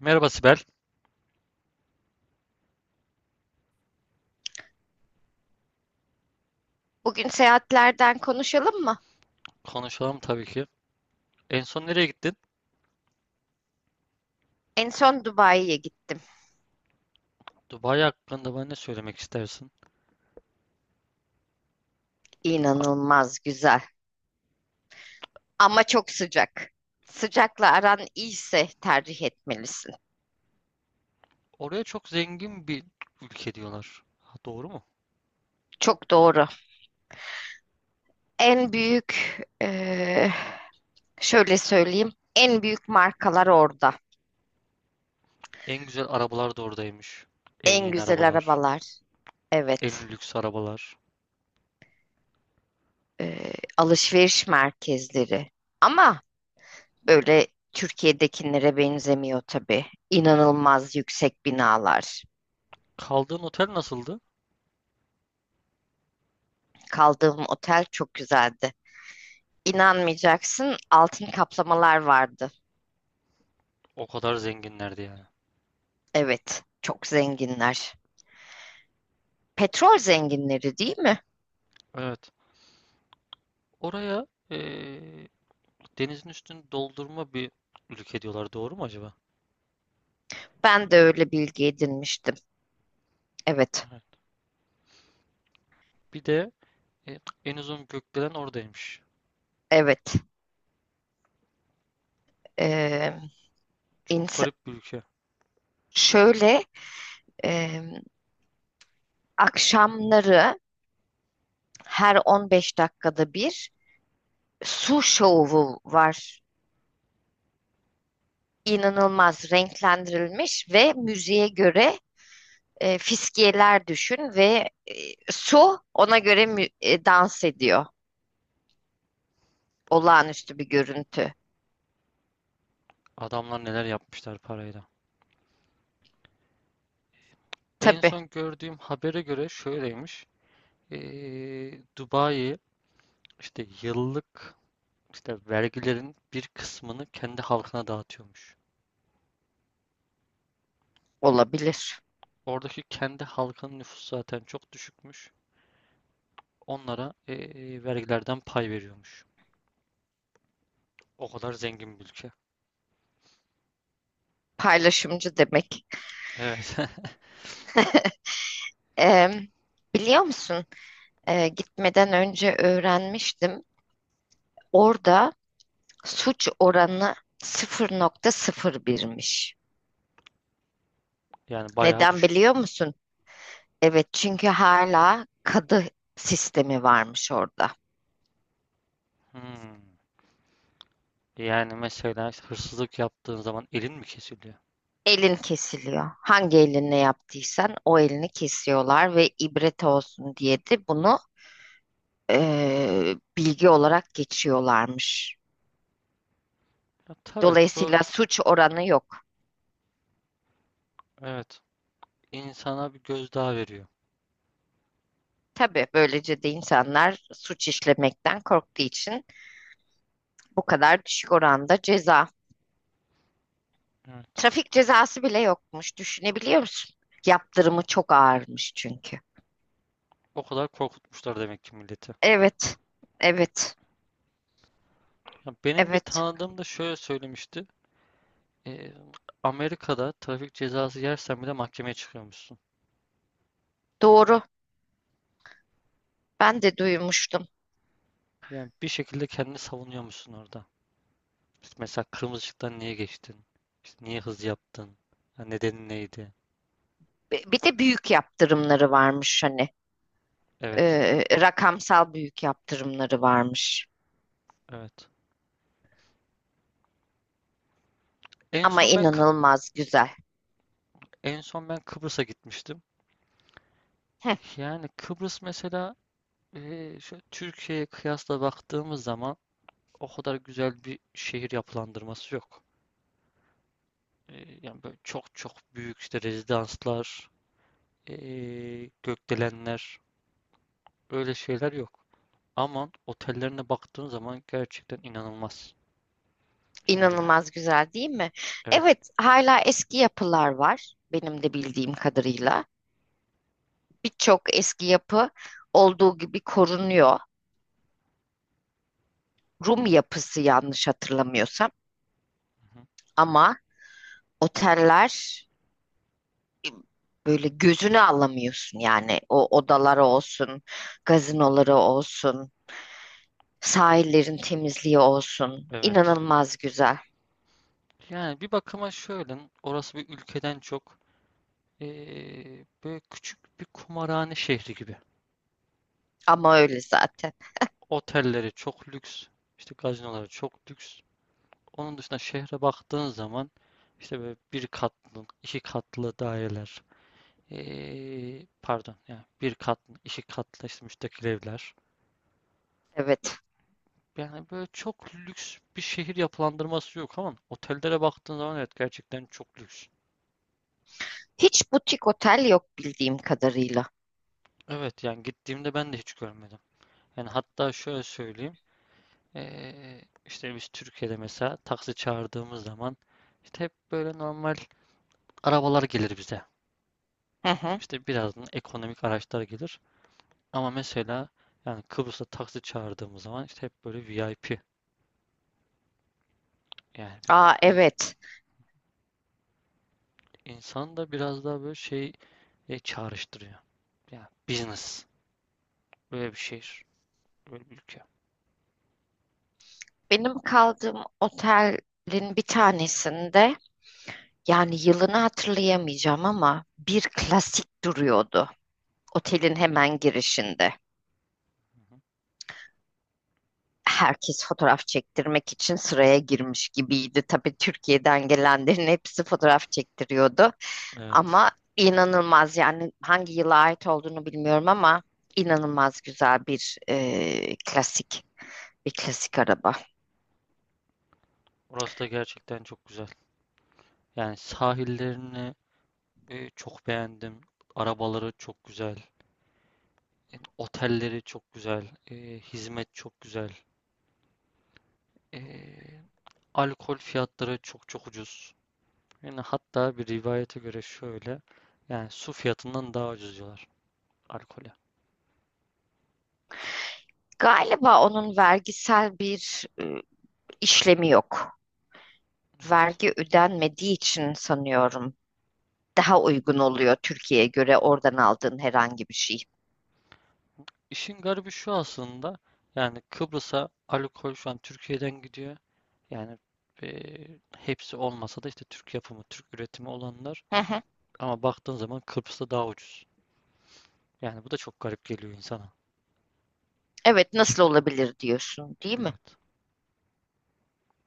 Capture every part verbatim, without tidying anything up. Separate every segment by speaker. Speaker 1: Merhaba Sibel.
Speaker 2: Bugün seyahatlerden konuşalım mı?
Speaker 1: Konuşalım tabii ki. En son nereye gittin?
Speaker 2: En son Dubai'ye gittim.
Speaker 1: Dubai hakkında bana ne söylemek istersin?
Speaker 2: İnanılmaz güzel ama çok sıcak. Sıcakla aran iyiyse tercih etmelisin.
Speaker 1: Oraya çok zengin bir ülke diyorlar. Ha, doğru mu?
Speaker 2: Çok doğru. En büyük, eee, Şöyle söyleyeyim, en büyük markalar orada.
Speaker 1: En güzel arabalar da oradaymış. En
Speaker 2: En
Speaker 1: yeni
Speaker 2: güzel
Speaker 1: arabalar.
Speaker 2: arabalar.
Speaker 1: En
Speaker 2: Evet,
Speaker 1: lüks arabalar.
Speaker 2: eee, alışveriş merkezleri. Ama böyle Türkiye'dekinlere benzemiyor tabii. İnanılmaz yüksek binalar.
Speaker 1: Kaldığın otel nasıldı?
Speaker 2: Kaldığım otel çok güzeldi. İnanmayacaksın, altın kaplamalar vardı.
Speaker 1: O kadar zenginlerdi yani.
Speaker 2: Evet, çok zenginler. Petrol zenginleri değil mi?
Speaker 1: Evet. Oraya eee, denizin üstünü doldurma bir ülke diyorlar. Doğru mu acaba?
Speaker 2: Ben de öyle bilgi edinmiştim. Evet,
Speaker 1: Evet. Bir de e, en uzun gökdelen oradaymış.
Speaker 2: evet. Ee,
Speaker 1: Çok
Speaker 2: ins-
Speaker 1: garip bir ülke.
Speaker 2: şöyle, e, Akşamları her on beş dakikada bir su şovu var. İnanılmaz renklendirilmiş ve müziğe göre e, fiskiyeler düşün ve e, su ona göre mü- e, dans ediyor. Olağanüstü bir görüntü.
Speaker 1: Adamlar neler yapmışlar parayla. En
Speaker 2: Tabii
Speaker 1: son gördüğüm habere göre şöyleymiş. Ee, Dubai işte yıllık işte vergilerin bir kısmını kendi halkına dağıtıyormuş.
Speaker 2: olabilir.
Speaker 1: Oradaki kendi halkının nüfusu zaten çok düşükmüş. Onlara ee, vergilerden pay veriyormuş. O kadar zengin bir ülke.
Speaker 2: Paylaşımcı demek.
Speaker 1: Evet.
Speaker 2: Ee, Biliyor musun? Ee, gitmeden önce öğrenmiştim. Orada suç oranı sıfır nokta sıfır birmiş.
Speaker 1: Yani bayağı
Speaker 2: Neden
Speaker 1: düşük.
Speaker 2: biliyor musun? Evet, çünkü hala kadı sistemi varmış orada.
Speaker 1: Hmm. Yani mesela işte hırsızlık yaptığın zaman elin mi kesiliyor?
Speaker 2: Elin kesiliyor. Hangi elinle yaptıysan o elini kesiyorlar ve ibret olsun diye de bunu eee, bilgi olarak geçiyorlarmış.
Speaker 1: Ya tabii bu,
Speaker 2: Dolayısıyla suç oranı yok.
Speaker 1: evet, insana bir gözdağı veriyor.
Speaker 2: Tabii böylece de insanlar suç işlemekten korktuğu için bu kadar düşük oranda ceza.
Speaker 1: Evet.
Speaker 2: Trafik cezası bile yokmuş. Düşünebiliyor musun? Yaptırımı çok ağırmış çünkü.
Speaker 1: O kadar korkutmuşlar demek ki milleti.
Speaker 2: Evet, evet,
Speaker 1: Ya benim bir
Speaker 2: evet.
Speaker 1: tanıdığım da şöyle söylemişti. Ee, Amerika'da trafik cezası yersen bile mahkemeye çıkıyormuşsun.
Speaker 2: Doğru. Ben de duymuştum.
Speaker 1: Yani bir şekilde kendini savunuyormuşsun orada. İşte mesela kırmızı ışıktan niye geçtin? İşte niye hız yaptın? Ya nedeni neydi?
Speaker 2: Bi- Bir de büyük yaptırımları varmış hani.
Speaker 1: Evet,
Speaker 2: Ee, rakamsal büyük yaptırımları varmış.
Speaker 1: evet. En
Speaker 2: Ama
Speaker 1: son ben Kıb-
Speaker 2: inanılmaz güzel.
Speaker 1: en son ben Kıbrıs'a gitmiştim.
Speaker 2: Heh,
Speaker 1: Yani Kıbrıs mesela ee, şöyle Türkiye'ye kıyasla baktığımız zaman o kadar güzel bir şehir yapılandırması yok. Ee, yani böyle çok çok büyük işte rezidanslar eee, gökdelenler öyle şeyler yok. Ama otellerine baktığın zaman gerçekten inanılmaz. İşte böyle,
Speaker 2: inanılmaz güzel değil mi?
Speaker 1: evet,
Speaker 2: Evet, hala eski yapılar var benim de bildiğim kadarıyla. Birçok eski yapı olduğu gibi korunuyor. Rum yapısı yanlış hatırlamıyorsam
Speaker 1: hı hı,
Speaker 2: ama oteller böyle gözünü alamıyorsun yani o odaları olsun, gazinoları olsun, sahillerin temizliği olsun.
Speaker 1: evet.
Speaker 2: İnanılmaz güzel
Speaker 1: Yani bir bakıma şöyle, orası bir ülkeden çok eee, böyle küçük bir kumarhane şehri gibi.
Speaker 2: ama öyle zaten.
Speaker 1: Otelleri çok lüks, işte gazinoları çok lüks. Onun dışında şehre baktığın zaman işte böyle bir katlı, iki katlı daireler, eee, pardon, yani bir katlı, iki katlı işte müstakil evler.
Speaker 2: Evet.
Speaker 1: Yani böyle çok lüks bir şehir yapılandırması yok ama otellere baktığın zaman, evet, gerçekten çok lüks.
Speaker 2: Hiç butik otel yok bildiğim kadarıyla.
Speaker 1: Evet, yani gittiğimde ben de hiç görmedim. Yani hatta şöyle söyleyeyim. Ee, işte biz Türkiye'de mesela taksi çağırdığımız zaman işte hep böyle normal arabalar gelir bize.
Speaker 2: Hı hı.
Speaker 1: İşte birazdan ekonomik araçlar gelir. Ama mesela yani Kıbrıs'ta taksi çağırdığımız zaman işte hep böyle V I P. Yani ben-
Speaker 2: Aa,
Speaker 1: ins-
Speaker 2: evet.
Speaker 1: insan da biraz daha böyle şey e, çağrıştırıyor. Yani business. Böyle bir şehir. Böyle bir ülke.
Speaker 2: Benim kaldığım otelin bir tanesinde yani yılını hatırlayamayacağım ama bir klasik duruyordu otelin hemen girişinde.
Speaker 1: Hı hı.
Speaker 2: Herkes fotoğraf çektirmek için sıraya girmiş gibiydi. Tabii Türkiye'den gelenlerin hepsi fotoğraf çektiriyordu.
Speaker 1: Evet.
Speaker 2: Ama inanılmaz yani hangi yıla ait olduğunu bilmiyorum ama inanılmaz güzel bir e, klasik bir klasik araba.
Speaker 1: Orası da gerçekten çok güzel. Yani sahillerini e, çok beğendim. Arabaları çok güzel. E, otelleri çok güzel. E, hizmet çok güzel. E, alkol fiyatları çok çok ucuz. Yani hatta bir rivayete göre şöyle. Yani su fiyatından daha ucuz diyorlar alkole.
Speaker 2: Galiba onun vergisel bir e, işlemi yok. Vergi ödenmediği için sanıyorum daha uygun oluyor Türkiye'ye göre oradan aldığın herhangi bir şey.
Speaker 1: İşin garibi şu aslında. Yani Kıbrıs'a alkol şu an Türkiye'den gidiyor. Yani eee, hepsi olmasa da işte Türk yapımı, Türk üretimi olanlar.
Speaker 2: Hı hı.
Speaker 1: Ama baktığın zaman Kıbrıs'ta daha ucuz. Yani bu da çok garip geliyor insana.
Speaker 2: Evet, nasıl olabilir diyorsun değil mi?
Speaker 1: Evet.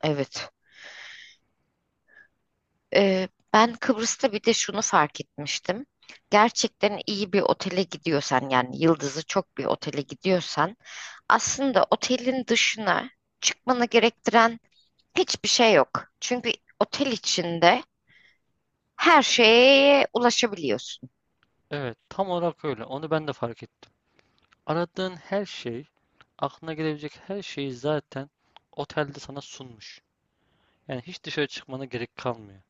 Speaker 2: Evet. Ee, ben Kıbrıs'ta bir de şunu fark etmiştim. Gerçekten iyi bir otele gidiyorsan yani yıldızı çok bir otele gidiyorsan aslında otelin dışına çıkmanı gerektiren hiçbir şey yok. Çünkü otel içinde her şeye ulaşabiliyorsun.
Speaker 1: Evet, tam olarak öyle. Onu ben de fark ettim. Aradığın her şey, aklına gelebilecek her şeyi zaten otelde sana sunmuş. Yani hiç dışarı çıkmana gerek kalmıyor.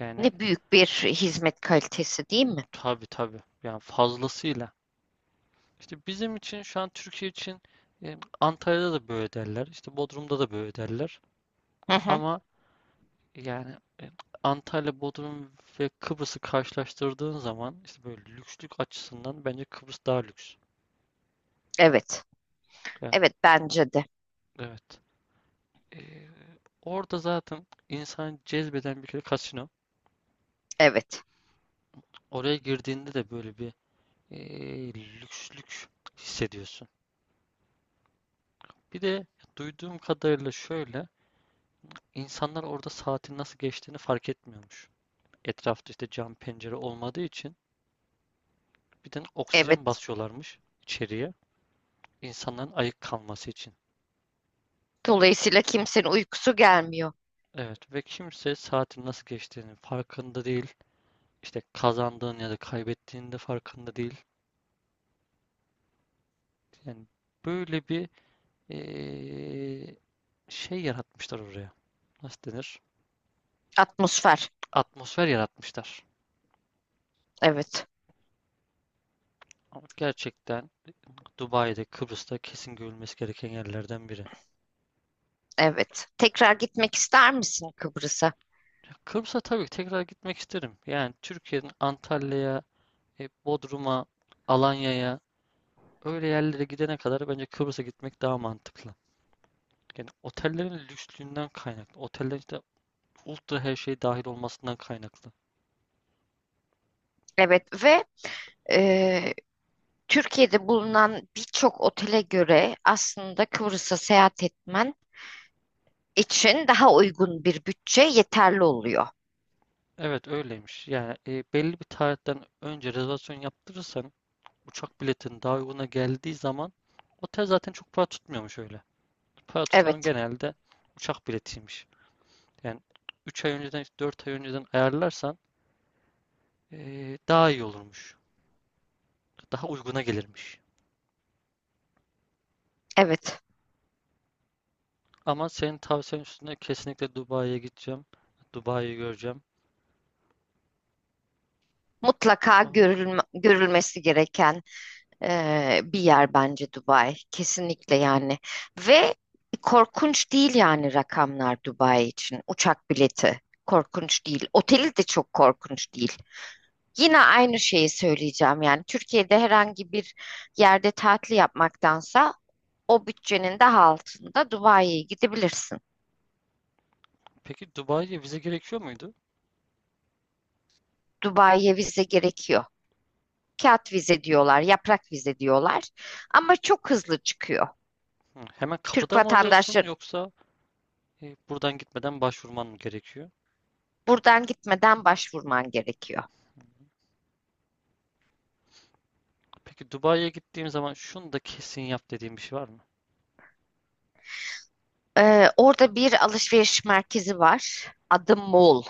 Speaker 1: Yani,
Speaker 2: Ne büyük bir hizmet kalitesi değil mi?
Speaker 1: tabii tabii. Yani fazlasıyla. İşte bizim için şu an Türkiye için e, Antalya'da da böyle derler. İşte Bodrum'da da böyle derler.
Speaker 2: Hı hı.
Speaker 1: Ama yani e, Antalya, Bodrum ve Kıbrıs'ı karşılaştırdığın zaman işte böyle lükslük açısından bence Kıbrıs daha lüks.
Speaker 2: Evet.
Speaker 1: Yani,
Speaker 2: Evet, bence de.
Speaker 1: evet. E, orada zaten insan cezbeden bir kere kasino.
Speaker 2: Evet.
Speaker 1: Oraya girdiğinde de böyle bir e, lükslük hissediyorsun. Bir de duyduğum kadarıyla şöyle insanlar orada saatin nasıl geçtiğini fark etmiyormuş. Etrafta işte cam pencere olmadığı için bir de oksijen
Speaker 2: Evet.
Speaker 1: basıyorlarmış içeriye insanların ayık kalması için.
Speaker 2: Dolayısıyla kimsenin uykusu gelmiyor.
Speaker 1: Evet ve kimse saatin nasıl geçtiğinin farkında değil. İşte kazandığın ya da kaybettiğinin de farkında değil. Yani böyle bir eee, şey yaratmışlar oraya. Nasıl denir?
Speaker 2: Atmosfer.
Speaker 1: Atmosfer yaratmışlar.
Speaker 2: Evet.
Speaker 1: Ama gerçekten Dubai'de, Kıbrıs'ta kesin görülmesi gereken yerlerden biri.
Speaker 2: Evet. Tekrar gitmek ister misin Kıbrıs'a?
Speaker 1: Ya Kıbrıs'a tabii ki tekrar gitmek isterim. Yani Türkiye'nin Antalya'ya, E, Bodrum'a, Alanya'ya öyle yerlere gidene kadar bence Kıbrıs'a gitmek daha mantıklı. Yani otellerin lükslüğünden kaynaklı. Otellerin işte ultra her şey dahil olmasından kaynaklı.
Speaker 2: Evet ve e, Türkiye'de bulunan birçok otele göre aslında Kıbrıs'a seyahat etmen için daha uygun bir bütçe yeterli oluyor.
Speaker 1: Evet, öyleymiş. Yani e, belli bir tarihten önce rezervasyon yaptırırsan uçak biletin daha uyguna geldiği zaman otel zaten çok para tutmuyormuş öyle. Para tutan
Speaker 2: Evet,
Speaker 1: genelde uçak biletiymiş. Yani üç ay önceden dört ay önceden ayarlarsan e, daha iyi olurmuş. Daha uyguna gelirmiş.
Speaker 2: evet.
Speaker 1: Ama senin tavsiyen üstüne kesinlikle Dubai'ye gideceğim. Dubai'yi göreceğim.
Speaker 2: Mutlaka
Speaker 1: O-
Speaker 2: görülme- görülmesi gereken e, bir yer bence Dubai. Kesinlikle yani. Ve korkunç değil yani rakamlar Dubai için. Uçak bileti korkunç değil. Oteli de çok korkunç değil. Yine aynı şeyi söyleyeceğim yani Türkiye'de herhangi bir yerde tatil yapmaktansa o bütçenin daha altında Dubai'ye gidebilirsin.
Speaker 1: Peki Dubai'ye vize gerekiyor muydu?
Speaker 2: Dubai'ye vize gerekiyor. Kağıt vize diyorlar, yaprak vize diyorlar ama çok hızlı çıkıyor.
Speaker 1: Hı, hemen
Speaker 2: Türk
Speaker 1: kapıda mı alıyorsun
Speaker 2: vatandaşları
Speaker 1: yoksa e, buradan gitmeden başvurman mı gerekiyor?
Speaker 2: buradan gitmeden başvurman gerekiyor.
Speaker 1: Peki Dubai'ye gittiğim zaman şunu da kesin yap dediğim bir şey var mı?
Speaker 2: Ee, orada bir alışveriş merkezi var adı Mall.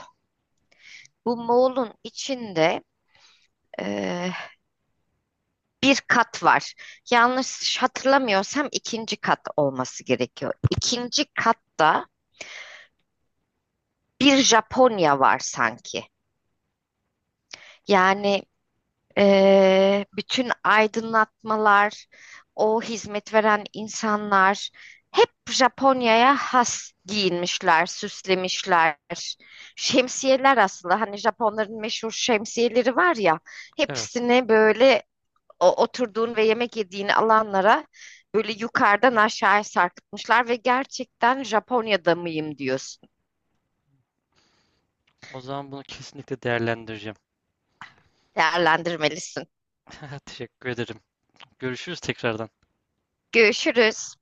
Speaker 2: Bu Mall'un içinde e, bir kat var. Yanlış hatırlamıyorsam ikinci kat olması gerekiyor. İkinci katta bir Japonya var sanki. Yani eee, bütün aydınlatmalar, o hizmet veren insanlar hep Japonya'ya has giyinmişler, süslemişler. Şemsiyeler aslında hani Japonların meşhur şemsiyeleri var ya,
Speaker 1: Evet.
Speaker 2: hepsini böyle o, oturduğun ve yemek yediğin alanlara böyle yukarıdan aşağıya sarkıtmışlar ve gerçekten Japonya'da mıyım diyorsun.
Speaker 1: O zaman bunu kesinlikle değerlendireceğim.
Speaker 2: Değerlendirmelisin.
Speaker 1: Teşekkür ederim. Görüşürüz tekrardan.
Speaker 2: Görüşürüz.